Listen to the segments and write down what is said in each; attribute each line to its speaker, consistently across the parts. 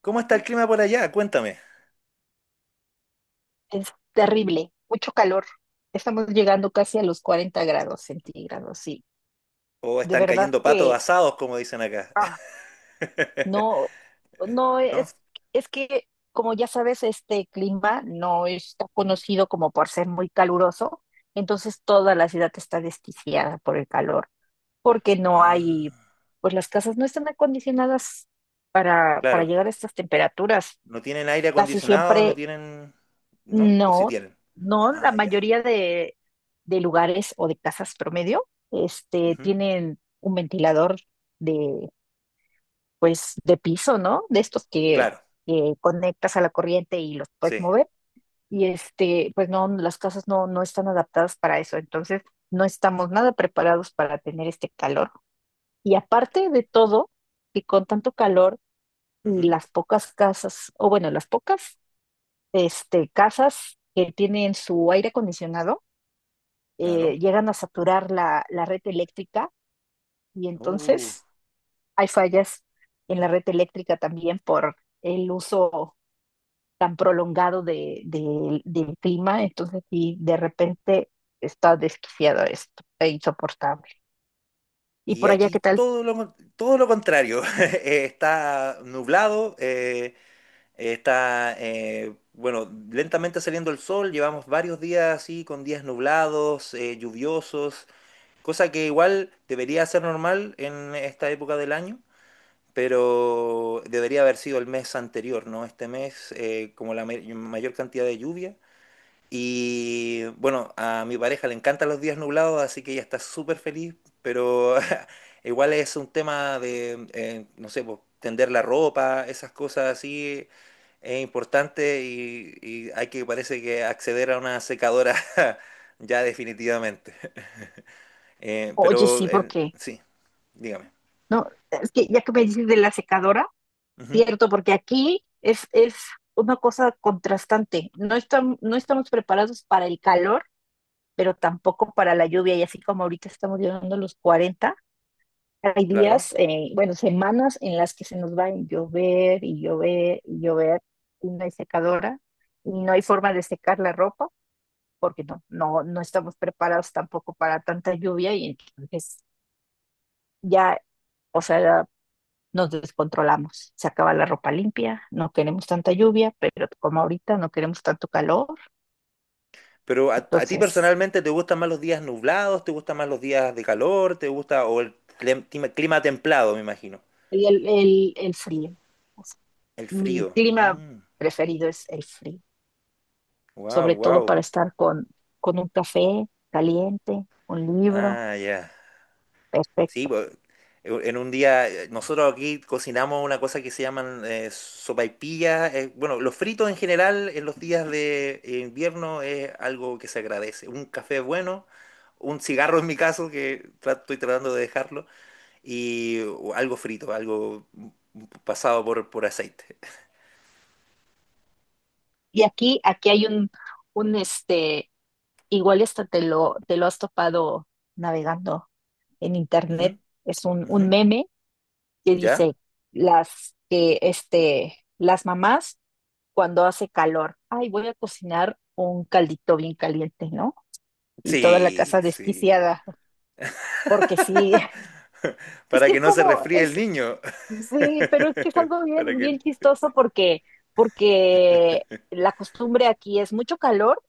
Speaker 1: ¿Cómo está el clima por allá? Cuéntame.
Speaker 2: Es terrible, mucho calor. Estamos llegando casi a los 40 grados centígrados, sí.
Speaker 1: ¿O
Speaker 2: De
Speaker 1: están
Speaker 2: verdad
Speaker 1: cayendo patos
Speaker 2: que
Speaker 1: asados, como dicen acá?
Speaker 2: ah, no, no
Speaker 1: ¿No?
Speaker 2: es que, como ya sabes, este clima no está
Speaker 1: ¿Mm?
Speaker 2: conocido como por ser muy caluroso, entonces toda la ciudad está desquiciada por el calor, porque no hay,
Speaker 1: Ah,
Speaker 2: pues las casas no están acondicionadas para
Speaker 1: claro.
Speaker 2: llegar a estas temperaturas.
Speaker 1: ¿No tienen aire
Speaker 2: Casi
Speaker 1: acondicionado? ¿No
Speaker 2: siempre.
Speaker 1: tienen? ¿No? ¿O sí
Speaker 2: No,
Speaker 1: tienen?
Speaker 2: no, la
Speaker 1: Ah, ya.
Speaker 2: mayoría de lugares o de casas promedio,
Speaker 1: Ujú.
Speaker 2: tienen un ventilador de, de piso, ¿no? De estos que,
Speaker 1: Claro,
Speaker 2: que conectas a la corriente y los puedes
Speaker 1: sí.
Speaker 2: mover. Y pues no, las casas no están adaptadas para eso. Entonces, no estamos nada preparados para tener este calor. Y aparte de todo, que con tanto calor y
Speaker 1: Ujú,
Speaker 2: las pocas casas, o bueno, las pocas, casas que tienen su aire acondicionado,
Speaker 1: claro.
Speaker 2: llegan a saturar la red eléctrica y
Speaker 1: Uh,
Speaker 2: entonces hay fallas en la red eléctrica también por el uso tan prolongado del clima, entonces sí, de repente está desquiciado esto, e insoportable. ¿Y
Speaker 1: Y
Speaker 2: por allá
Speaker 1: aquí
Speaker 2: qué tal?
Speaker 1: todo lo contrario. Está nublado, está, bueno, lentamente saliendo el sol. Llevamos varios días así, con días nublados, lluviosos. Cosa que igual debería ser normal en esta época del año, pero debería haber sido el mes anterior, ¿no? Este mes, como la mayor cantidad de lluvia. Y bueno, a mi pareja le encantan los días nublados, así que ella está súper feliz, pero igual es un tema de, no sé, pues, tender la ropa, esas cosas así, es importante y hay que, parece que, acceder a una secadora ya definitivamente.
Speaker 2: Oye,
Speaker 1: Pero
Speaker 2: sí, porque,
Speaker 1: sí. Dígame.
Speaker 2: no, es que ya que me dices de la secadora,
Speaker 1: Ujú,
Speaker 2: cierto, porque aquí es una cosa contrastante, no, no estamos preparados para el calor pero tampoco para la lluvia. Y así como ahorita estamos llegando a los 40 hay
Speaker 1: claro.
Speaker 2: días, bueno, semanas en las que se nos va a llover y llover y llover y no hay secadora y no hay forma de secar la ropa porque no estamos preparados tampoco para tanta lluvia y entonces ya, o sea, nos descontrolamos. Se acaba la ropa limpia, no queremos tanta lluvia, pero como ahorita no queremos tanto calor,
Speaker 1: Pero a ti
Speaker 2: entonces
Speaker 1: personalmente te gustan más los días nublados, te gustan más los días de calor, te gusta o el clima templado, me imagino.
Speaker 2: y el frío.
Speaker 1: El
Speaker 2: Mi
Speaker 1: frío.
Speaker 2: clima
Speaker 1: Mm,
Speaker 2: preferido es el frío,
Speaker 1: wow,
Speaker 2: sobre todo
Speaker 1: wow.
Speaker 2: para estar con un café caliente, un libro,
Speaker 1: Ah, ya. Sí,
Speaker 2: perfecto.
Speaker 1: pues, en un día nosotros aquí cocinamos una cosa que se llaman sopaipillas. Bueno, los fritos en general en los días de invierno es algo que se agradece. Un café bueno, un cigarro en mi caso, que estoy tratando de dejarlo. Y o algo frito, algo pasado por aceite.
Speaker 2: Y aquí, aquí hay un igual esto te lo has topado navegando en
Speaker 1: Ujú,
Speaker 2: internet, es un,
Speaker 1: ujú.
Speaker 2: un meme que
Speaker 1: ¿Ya?
Speaker 2: dice las que las mamás cuando hace calor, ay, voy a cocinar un caldito bien caliente, ¿no? Y toda la
Speaker 1: Sí,
Speaker 2: casa
Speaker 1: sí.
Speaker 2: desquiciada, porque sí. Es
Speaker 1: Para
Speaker 2: que
Speaker 1: que no se
Speaker 2: como
Speaker 1: resfríe el
Speaker 2: es.
Speaker 1: niño.
Speaker 2: Sí, pero es que es algo
Speaker 1: Para
Speaker 2: bien,
Speaker 1: que.
Speaker 2: bien chistoso porque, porque la costumbre aquí es mucho calor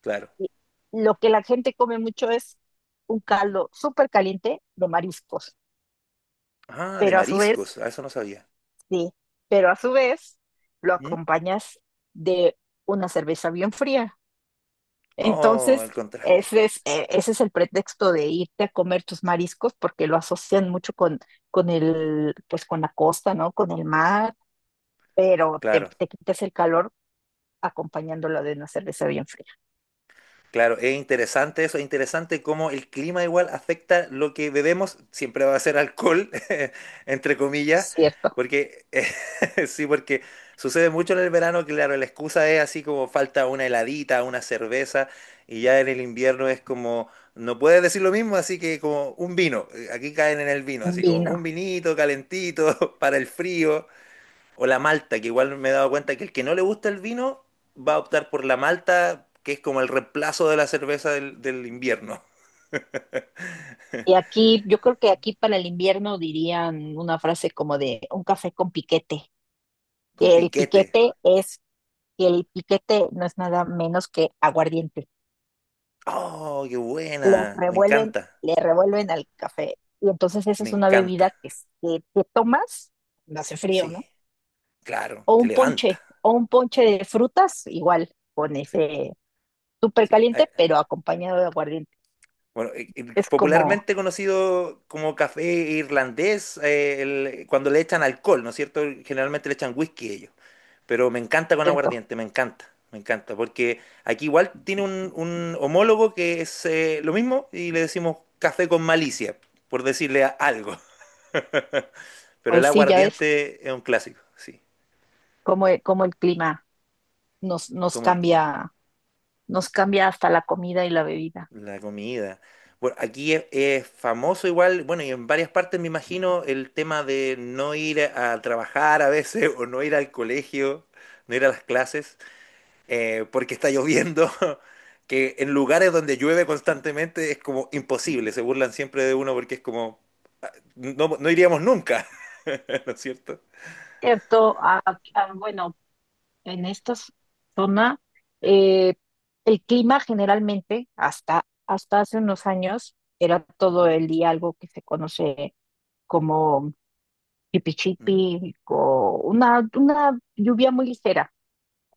Speaker 1: Claro.
Speaker 2: y lo que la gente come mucho es un caldo súper caliente de mariscos,
Speaker 1: Ah, de
Speaker 2: pero a su vez,
Speaker 1: mariscos. Ah, eso no sabía.
Speaker 2: sí, pero a su vez lo
Speaker 1: ¿Mm?
Speaker 2: acompañas de una cerveza bien fría.
Speaker 1: Oh,
Speaker 2: Entonces,
Speaker 1: el contraste.
Speaker 2: ese es el pretexto de irte a comer tus mariscos porque lo asocian mucho con el, pues con la costa, ¿no? Con el mar, pero te,
Speaker 1: Claro.
Speaker 2: te quitas el calor acompañándolo de una cerveza bien fría,
Speaker 1: Claro, es interesante eso, es interesante cómo el clima igual afecta lo que bebemos, siempre va a ser alcohol, entre comillas,
Speaker 2: ¿cierto?
Speaker 1: porque sí, porque sucede mucho en el verano, claro, la excusa es así como falta una heladita, una cerveza, y ya en el invierno es como, no puedes decir lo mismo, así que como un vino, aquí caen en el vino,
Speaker 2: Un
Speaker 1: así como
Speaker 2: vino.
Speaker 1: un vinito calentito para el frío, o la malta, que igual me he dado cuenta que el que no le gusta el vino va a optar por la malta, que es como el reemplazo de la cerveza del invierno,
Speaker 2: Y aquí, yo creo que aquí para el invierno dirían una frase como de un café con piquete,
Speaker 1: con
Speaker 2: que el
Speaker 1: piquete.
Speaker 2: piquete es, que el piquete no es nada menos que aguardiente.
Speaker 1: ¡Oh, qué
Speaker 2: Le
Speaker 1: buena! Me
Speaker 2: revuelven,
Speaker 1: encanta,
Speaker 2: le revuelven al café. Y entonces esa
Speaker 1: me
Speaker 2: es una bebida
Speaker 1: encanta.
Speaker 2: que te tomas cuando hace frío, ¿no?
Speaker 1: Sí, claro,
Speaker 2: O
Speaker 1: te
Speaker 2: un ponche,
Speaker 1: levanta.
Speaker 2: o un ponche de frutas, igual, con
Speaker 1: Sí,
Speaker 2: ese súper
Speaker 1: sí. Ay,
Speaker 2: caliente, pero acompañado de aguardiente.
Speaker 1: bueno,
Speaker 2: Es como,
Speaker 1: popularmente conocido como café irlandés, cuando le echan alcohol, ¿no es cierto? Generalmente le echan whisky ellos. Pero me encanta con
Speaker 2: ¿cierto?
Speaker 1: aguardiente, me encanta, porque aquí igual tiene un homólogo que es lo mismo y le decimos café con malicia, por decirle algo. Pero el
Speaker 2: Pues sí, ya ves
Speaker 1: aguardiente es un clásico, sí,
Speaker 2: cómo, cómo el clima nos,
Speaker 1: como el clima,
Speaker 2: nos cambia hasta la comida y la bebida.
Speaker 1: la comida. Bueno, aquí es famoso igual, bueno, y en varias partes me imagino el tema de no ir a trabajar a veces o no ir al colegio, no ir a las clases. Porque está lloviendo, que en lugares donde llueve constantemente es como imposible, se burlan siempre de uno porque es como, ah, no, no iríamos nunca, ¿no es cierto?
Speaker 2: Cierto, bueno, en esta zona eh, el clima generalmente hasta hace unos años era todo
Speaker 1: Ujú,
Speaker 2: el día algo que se conoce como
Speaker 1: ujú.
Speaker 2: chipi o una lluvia muy ligera,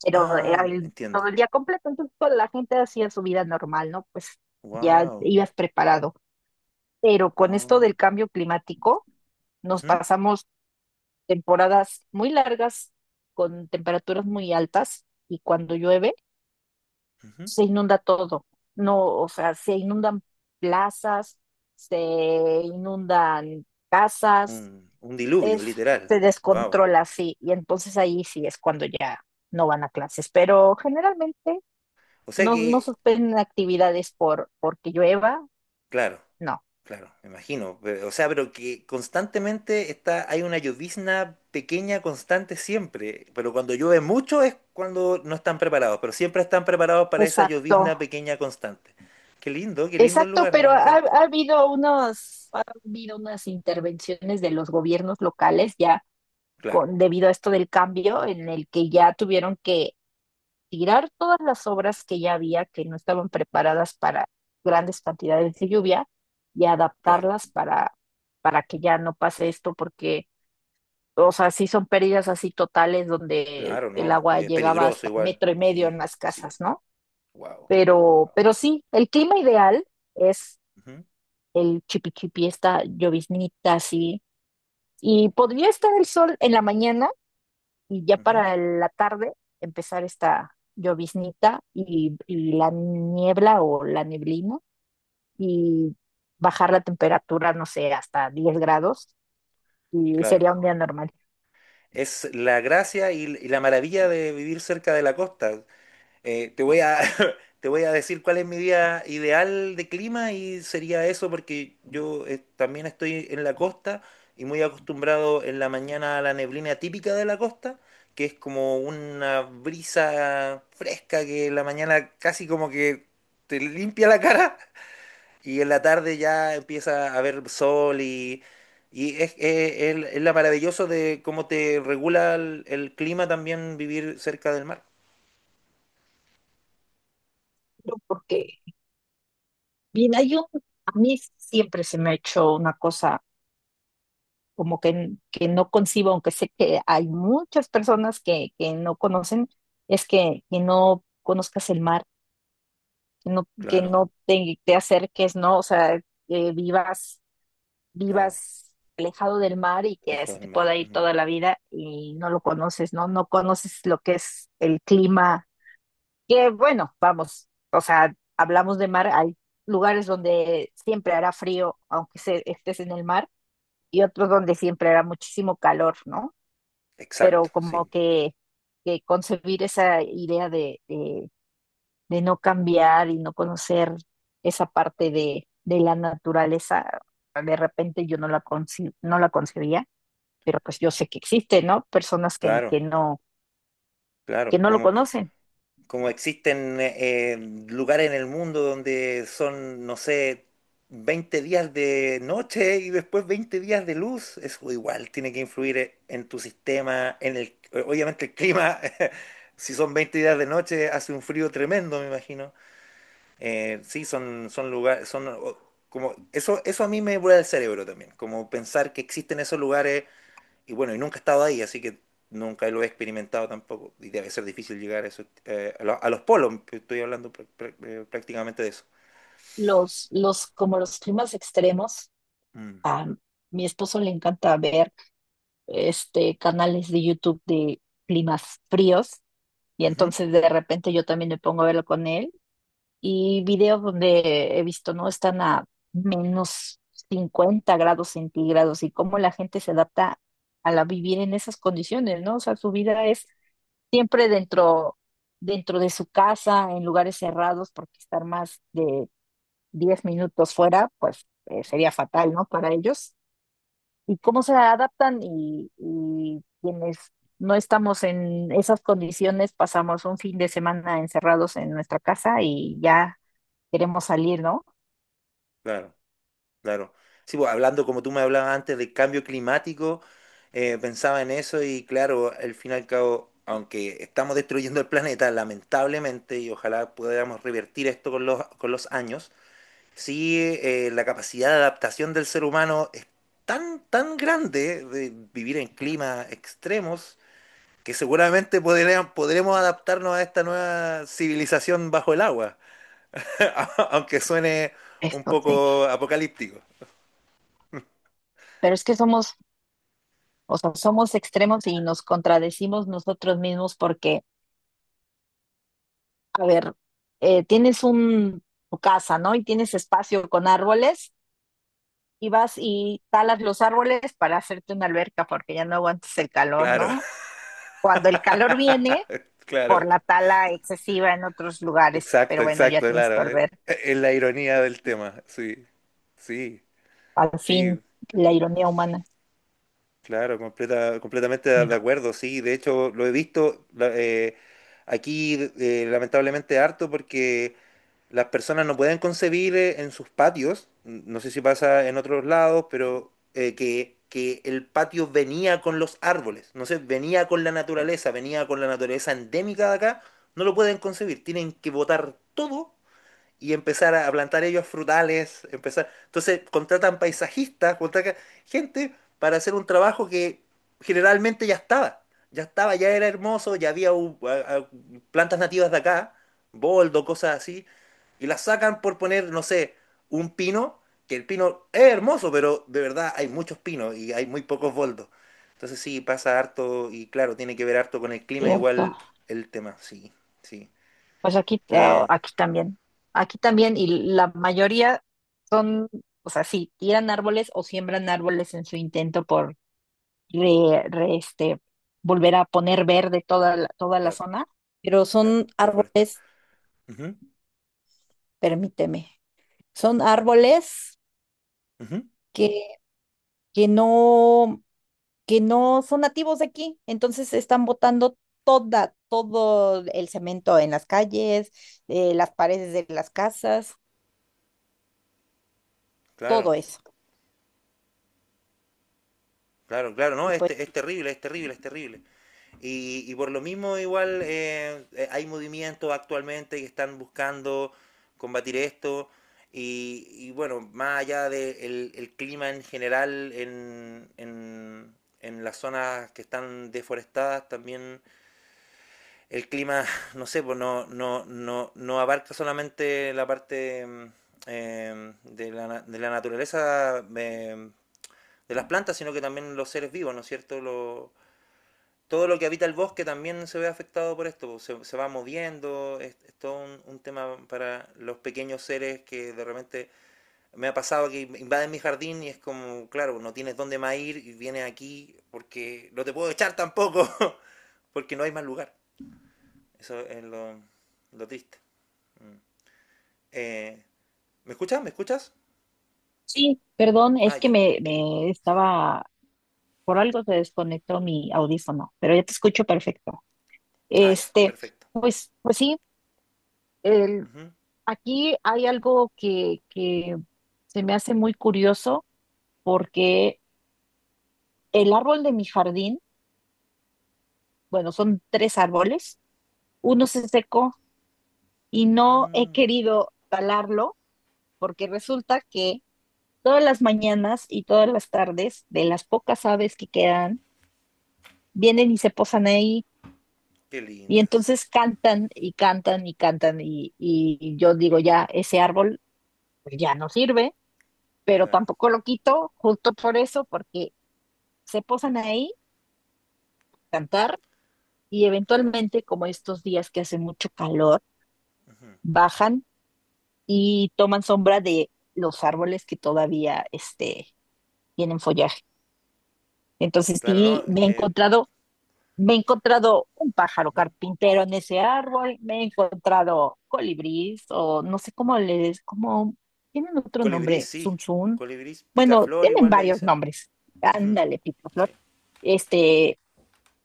Speaker 2: pero
Speaker 1: Ah,
Speaker 2: era
Speaker 1: entiendo.
Speaker 2: todo el día completo, entonces toda la gente hacía su vida normal, ¿no? Pues ya
Speaker 1: Wow.
Speaker 2: ibas preparado. Pero con esto
Speaker 1: Oh,
Speaker 2: del cambio climático nos
Speaker 1: ujú,
Speaker 2: pasamos temporadas muy largas con temperaturas muy altas y cuando llueve
Speaker 1: ujú.
Speaker 2: se inunda todo. No, o sea, se inundan plazas, se inundan casas,
Speaker 1: Un diluvio,
Speaker 2: es,
Speaker 1: literal.
Speaker 2: se
Speaker 1: Wow.
Speaker 2: descontrola así y entonces ahí sí es cuando ya no van a clases, pero generalmente
Speaker 1: O sea
Speaker 2: no,
Speaker 1: que,
Speaker 2: no suspenden actividades por porque llueva,
Speaker 1: claro.
Speaker 2: no.
Speaker 1: Claro, me imagino. Pero, o sea, pero que constantemente hay una llovizna pequeña constante siempre. Pero cuando llueve mucho es cuando no están preparados. Pero siempre están preparados para esa
Speaker 2: Exacto.
Speaker 1: llovizna pequeña constante. Qué lindo el
Speaker 2: Exacto,
Speaker 1: lugar,
Speaker 2: pero
Speaker 1: me
Speaker 2: ha,
Speaker 1: encanta.
Speaker 2: ha habido unas intervenciones de los gobiernos locales ya
Speaker 1: Claro,
Speaker 2: con, debido a esto del cambio, en el que ya tuvieron que tirar todas las obras que ya había, que no estaban preparadas para grandes cantidades de lluvia, y
Speaker 1: claro,
Speaker 2: adaptarlas para que ya no pase esto, porque, o sea, sí son pérdidas así totales donde
Speaker 1: claro,
Speaker 2: el
Speaker 1: ¿no?
Speaker 2: agua
Speaker 1: Es
Speaker 2: llegaba
Speaker 1: peligroso
Speaker 2: hasta
Speaker 1: igual.
Speaker 2: metro y medio en
Speaker 1: Sí,
Speaker 2: las
Speaker 1: sí.
Speaker 2: casas, ¿no?
Speaker 1: Wow.
Speaker 2: Pero,
Speaker 1: Wow.
Speaker 2: pero sí, el clima ideal es
Speaker 1: Ujú,
Speaker 2: el chipi chipi, esta lloviznita así. Y podría estar el sol en la mañana y ya
Speaker 1: ujú,
Speaker 2: para la tarde empezar esta lloviznita y la niebla o la neblina y bajar la temperatura, no sé, hasta 10 grados y
Speaker 1: claro.
Speaker 2: sería un día normal.
Speaker 1: Es la gracia y la maravilla de vivir cerca de la costa. Te voy a, te voy a decir cuál es mi día ideal de clima y sería eso porque yo también estoy en la costa y muy acostumbrado en la mañana a la neblina típica de la costa, que es como una brisa fresca que en la mañana casi como que te limpia la cara y en la tarde ya empieza a haber sol y es la maravilloso de cómo te regula el clima también vivir cerca del mar.
Speaker 2: No, porque, bien, hay a mí siempre se me ha hecho una cosa como que, que no concibo, aunque sé que hay muchas personas que no conocen, es que no conozcas el mar que no, que
Speaker 1: Claro,
Speaker 2: no te, te acerques, ¿no? O sea, que vivas,
Speaker 1: claro.
Speaker 2: vivas alejado del mar y que se
Speaker 1: Lejos del
Speaker 2: te
Speaker 1: mar.
Speaker 2: pueda ir toda la vida y no lo conoces, ¿no? No conoces lo que es el clima, que bueno, vamos, o sea, hablamos de mar, hay lugares donde siempre hará frío, aunque estés en el mar, y otros donde siempre hará muchísimo calor, ¿no?
Speaker 1: Exacto,
Speaker 2: Pero como
Speaker 1: sí.
Speaker 2: que concebir esa idea de no cambiar y no conocer esa parte de la naturaleza, de repente yo no la concebía, pero pues yo sé que existe, ¿no? Personas que
Speaker 1: Claro,
Speaker 2: no, que
Speaker 1: claro.
Speaker 2: no lo
Speaker 1: Como,
Speaker 2: conocen.
Speaker 1: como existen lugares en el mundo donde son, no sé, 20 días de noche y después 20 días de luz, eso igual tiene que influir en tu sistema, en el, obviamente el clima. Si son 20 días de noche, hace un frío tremendo, me imagino. Sí, son lugares, como, eso a mí me vuela el cerebro también, como pensar que existen esos lugares y bueno, y nunca he estado ahí, así que nunca lo he experimentado tampoco. Y debe ser difícil llegar a, eso, a los polos, estoy hablando prácticamente de eso.
Speaker 2: Los como los climas extremos,
Speaker 1: Mm,
Speaker 2: a mi esposo le encanta ver canales de YouTube de climas fríos y
Speaker 1: ujú,
Speaker 2: entonces de repente yo también me pongo a verlo con él y videos donde he visto, ¿no? Están a -50 grados centígrados y cómo la gente se adapta a la vivir en esas condiciones, ¿no? O sea, su vida es siempre dentro, dentro de su casa, en lugares cerrados, porque estar más de 10 minutos fuera, pues sería fatal, ¿no? Para ellos. Y cómo se adaptan y quienes no estamos en esas condiciones, pasamos un fin de semana encerrados en nuestra casa y ya queremos salir, ¿no?
Speaker 1: claro, claro. Sí, pues, hablando como tú me hablabas antes del cambio climático, pensaba en eso y claro, al fin y al cabo, aunque estamos destruyendo el planeta, lamentablemente, y ojalá podamos revertir esto con los años. Sí, la capacidad de adaptación del ser humano es tan, tan grande de vivir en climas extremos que seguramente podremos adaptarnos a esta nueva civilización bajo el agua, aunque suene un
Speaker 2: Esto sí.
Speaker 1: poco apocalíptico.
Speaker 2: Pero es que somos, o sea, somos extremos y nos contradecimos nosotros mismos porque, a ver, tienes tu casa, ¿no? Y tienes espacio con árboles y vas y talas los árboles para hacerte una alberca porque ya no aguantas el calor,
Speaker 1: Claro,
Speaker 2: ¿no? Cuando el calor viene por
Speaker 1: claro,
Speaker 2: la tala excesiva en otros lugares, pero
Speaker 1: exacto,
Speaker 2: bueno, ya
Speaker 1: exacto,
Speaker 2: tienes tu
Speaker 1: claro. Es,
Speaker 2: alberca.
Speaker 1: es la ironía del tema, sí, sí,
Speaker 2: Al fin,
Speaker 1: sí.
Speaker 2: la ironía humana.
Speaker 1: Claro, completa, completamente de
Speaker 2: Pero
Speaker 1: acuerdo, sí. De hecho, lo he visto aquí lamentablemente harto porque las personas no pueden concebir en sus patios, no sé si pasa en otros lados, pero que el patio venía con los árboles, no sé, venía con la naturaleza, venía con la naturaleza endémica de acá, no lo pueden concebir. Tienen que botar todo y empezar a plantar ellos frutales, empezar. Entonces contratan paisajistas, contratan gente para hacer un trabajo que generalmente ya estaba. Ya estaba, ya era hermoso, ya había plantas nativas de acá, boldo, cosas así, y las sacan por poner, no sé, un pino, que el pino es hermoso, pero de verdad hay muchos pinos y hay muy pocos boldos. Entonces sí, pasa harto y claro, tiene que ver harto con el clima,
Speaker 2: cierto.
Speaker 1: igual el tema, sí, sí,
Speaker 2: Pues aquí,
Speaker 1: que
Speaker 2: aquí también, y la mayoría son, o sea, sí, tiran árboles o siembran árboles en su intento por re- re- este, volver a poner verde toda la
Speaker 1: claro,
Speaker 2: zona, pero
Speaker 1: claro,
Speaker 2: son
Speaker 1: reforestar.
Speaker 2: árboles,
Speaker 1: Ujú,
Speaker 2: permíteme, son árboles
Speaker 1: ujú.
Speaker 2: que, que no, que no son nativos de aquí, entonces están botando todo el cemento en las calles, las paredes de las casas, todo
Speaker 1: Claro,
Speaker 2: eso.
Speaker 1: claro, claro, no,
Speaker 2: Y
Speaker 1: es,
Speaker 2: pues
Speaker 1: te- es terrible, es terrible, es terrible. Y por lo mismo igual hay movimientos actualmente que están buscando combatir esto y bueno, más allá del clima en general en las zonas que están deforestadas, también el clima, no sé, pues no abarca solamente la parte de la naturaleza de las plantas, sino que también los seres vivos, ¿no es cierto? Todo lo que habita el bosque también se ve afectado por esto, pues, se va moviendo, es todo tema para los pequeños seres que de repente me ha pasado que invaden mi jardín y es como, claro, no tienes dónde más ir y vienes aquí porque no te puedo echar tampoco, porque no hay más lugar. Eso es lo triste. Mm. Eh, ¿Me escuchas? ¿Me escuchas?
Speaker 2: sí, perdón,
Speaker 1: Ah,
Speaker 2: es que
Speaker 1: ya,
Speaker 2: me
Speaker 1: sí.
Speaker 2: estaba, por algo se desconectó mi audífono, pero ya te escucho perfecto.
Speaker 1: Ah, ya,
Speaker 2: Este,
Speaker 1: perfecto.
Speaker 2: pues, pues sí, el-
Speaker 1: Uh -huh.
Speaker 2: aquí hay algo que se me hace muy curioso porque el árbol de mi jardín, bueno, son tres árboles, uno se secó y no he
Speaker 1: mm,
Speaker 2: querido talarlo porque resulta que todas las mañanas y todas las tardes de las pocas aves que quedan, vienen y se posan ahí.
Speaker 1: qué
Speaker 2: Y
Speaker 1: lindas,
Speaker 2: entonces cantan y cantan y cantan y yo digo, ya, ese árbol, pues, ya no sirve, pero
Speaker 1: claro.
Speaker 2: tampoco lo quito justo por eso, porque se posan ahí, a cantar y
Speaker 1: Claro.
Speaker 2: eventualmente, como estos días que hace mucho calor,
Speaker 1: Ujú.
Speaker 2: bajan y toman sombra de los árboles que todavía tienen follaje. Entonces,
Speaker 1: Claro, ¿no?
Speaker 2: sí, me he encontrado. Me he encontrado un pájaro
Speaker 1: Ujú.
Speaker 2: carpintero en ese árbol, me he encontrado colibrís o no sé cómo les, cómo tienen otro
Speaker 1: Colibrí
Speaker 2: nombre,
Speaker 1: sí.
Speaker 2: zunzún.
Speaker 1: Colibrí
Speaker 2: Bueno,
Speaker 1: picaflor
Speaker 2: tienen
Speaker 1: igual le
Speaker 2: varios
Speaker 1: dicen.
Speaker 2: nombres.
Speaker 1: Ujú,
Speaker 2: Ándale,
Speaker 1: sí.
Speaker 2: picaflor. Este,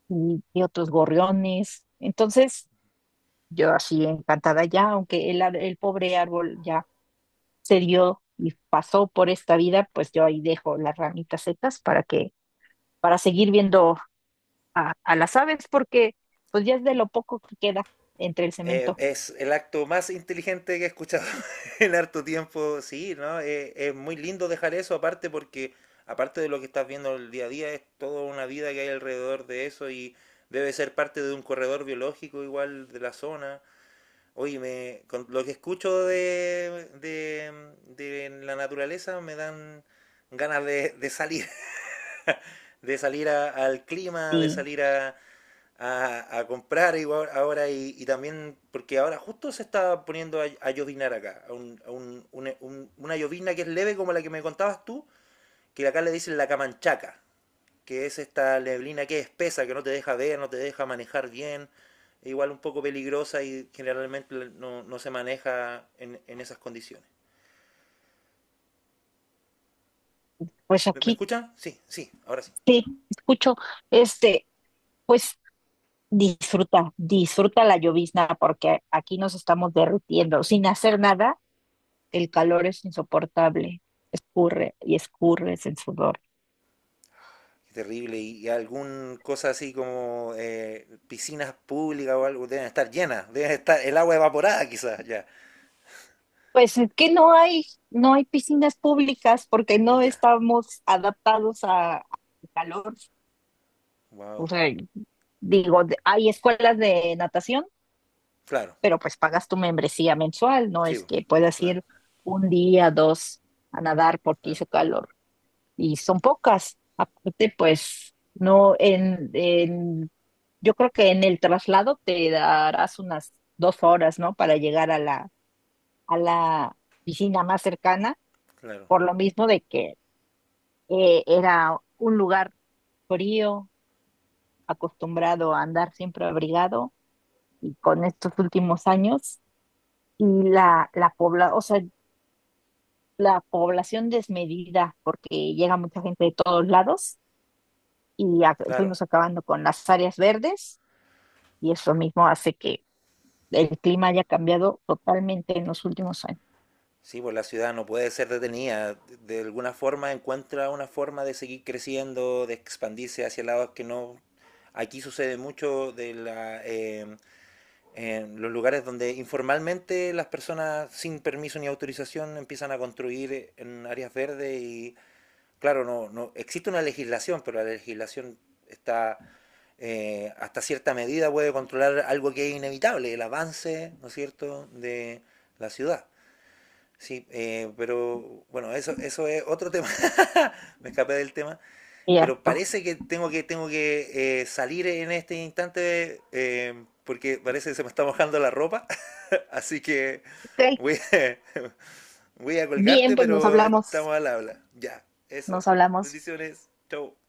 Speaker 2: y otros gorriones. Entonces, yo así encantada ya, aunque el, el pobre árbol ya se dio y pasó por esta vida, pues yo ahí dejo las ramitas secas para que, para seguir viendo a las aves porque pues ya es de lo poco que queda entre el cemento.
Speaker 1: Es el acto más inteligente que he escuchado en harto tiempo, sí, ¿no? Es muy lindo dejar eso aparte porque, aparte de lo que estás viendo el día a día, es toda una vida que hay alrededor de eso y debe ser parte de un corredor biológico igual de la zona. Oye, con lo que escucho de la naturaleza me dan ganas de salir, al clima, de
Speaker 2: Y
Speaker 1: salir a, a comprar igual ahora y también porque ahora justo se está poniendo a llovinar acá, a un- una llovizna que es leve como la que me contabas tú, que acá le dicen la camanchaca, que es esta neblina que es espesa, que no te deja ver, no te deja manejar bien, e igual un poco peligrosa y generalmente no, no se maneja en esas condiciones.
Speaker 2: pues
Speaker 1: ¿Me
Speaker 2: aquí,
Speaker 1: escuchan? Sí, sí, ahora sí.
Speaker 2: sí, escucho, este, pues disfruta, disfruta la llovizna porque aquí nos estamos derritiendo. Sin hacer nada, el calor es insoportable. Escurre y escurres el sudor.
Speaker 1: Qué terrible. Y algún cosa así como piscinas públicas o algo deben estar llenas, deben estar el agua evaporada quizás, ya.
Speaker 2: Pues es que no hay, no hay piscinas públicas porque no
Speaker 1: Ya.
Speaker 2: estamos adaptados a, al calor. O
Speaker 1: Wow.
Speaker 2: sea, digo, de- hay escuelas de natación,
Speaker 1: Claro.
Speaker 2: pero pues pagas tu membresía mensual, no
Speaker 1: Sí,
Speaker 2: es que puedas
Speaker 1: claro.
Speaker 2: ir un día, dos a nadar porque
Speaker 1: Claro.
Speaker 2: hizo calor y son pocas. Aparte, pues no en, en yo creo que en el traslado te darás unas 2 horas, ¿no? Para llegar a a la piscina más cercana,
Speaker 1: Claro.
Speaker 2: por lo mismo de que era un lugar frío, acostumbrado a andar siempre abrigado, y con estos últimos años, y la, la pobla, o sea, la población desmedida porque llega mucha gente de todos lados y
Speaker 1: Claro.
Speaker 2: fuimos acabando con las áreas verdes y eso mismo hace que el clima haya cambiado totalmente en los últimos años.
Speaker 1: Sí, pues la ciudad no puede ser detenida. De alguna forma encuentra una forma de seguir creciendo, de expandirse hacia lados que no. Aquí sucede mucho de la en los lugares donde informalmente las personas sin permiso ni autorización empiezan a construir en áreas verdes y claro, no existe una legislación, pero la legislación está hasta cierta medida puede controlar algo que es inevitable, el avance, ¿no es cierto?, de la ciudad. Sí, pero bueno, eso es otro tema, me escapé del tema, pero
Speaker 2: Cierto.
Speaker 1: parece que tengo que salir en este instante porque parece que se me está mojando la ropa. Así que
Speaker 2: Ok,
Speaker 1: voy a, voy a
Speaker 2: bien,
Speaker 1: colgarte,
Speaker 2: pues nos
Speaker 1: pero
Speaker 2: hablamos,
Speaker 1: estamos al habla. Ya, eso.
Speaker 2: nos hablamos.
Speaker 1: Bendiciones. Chau.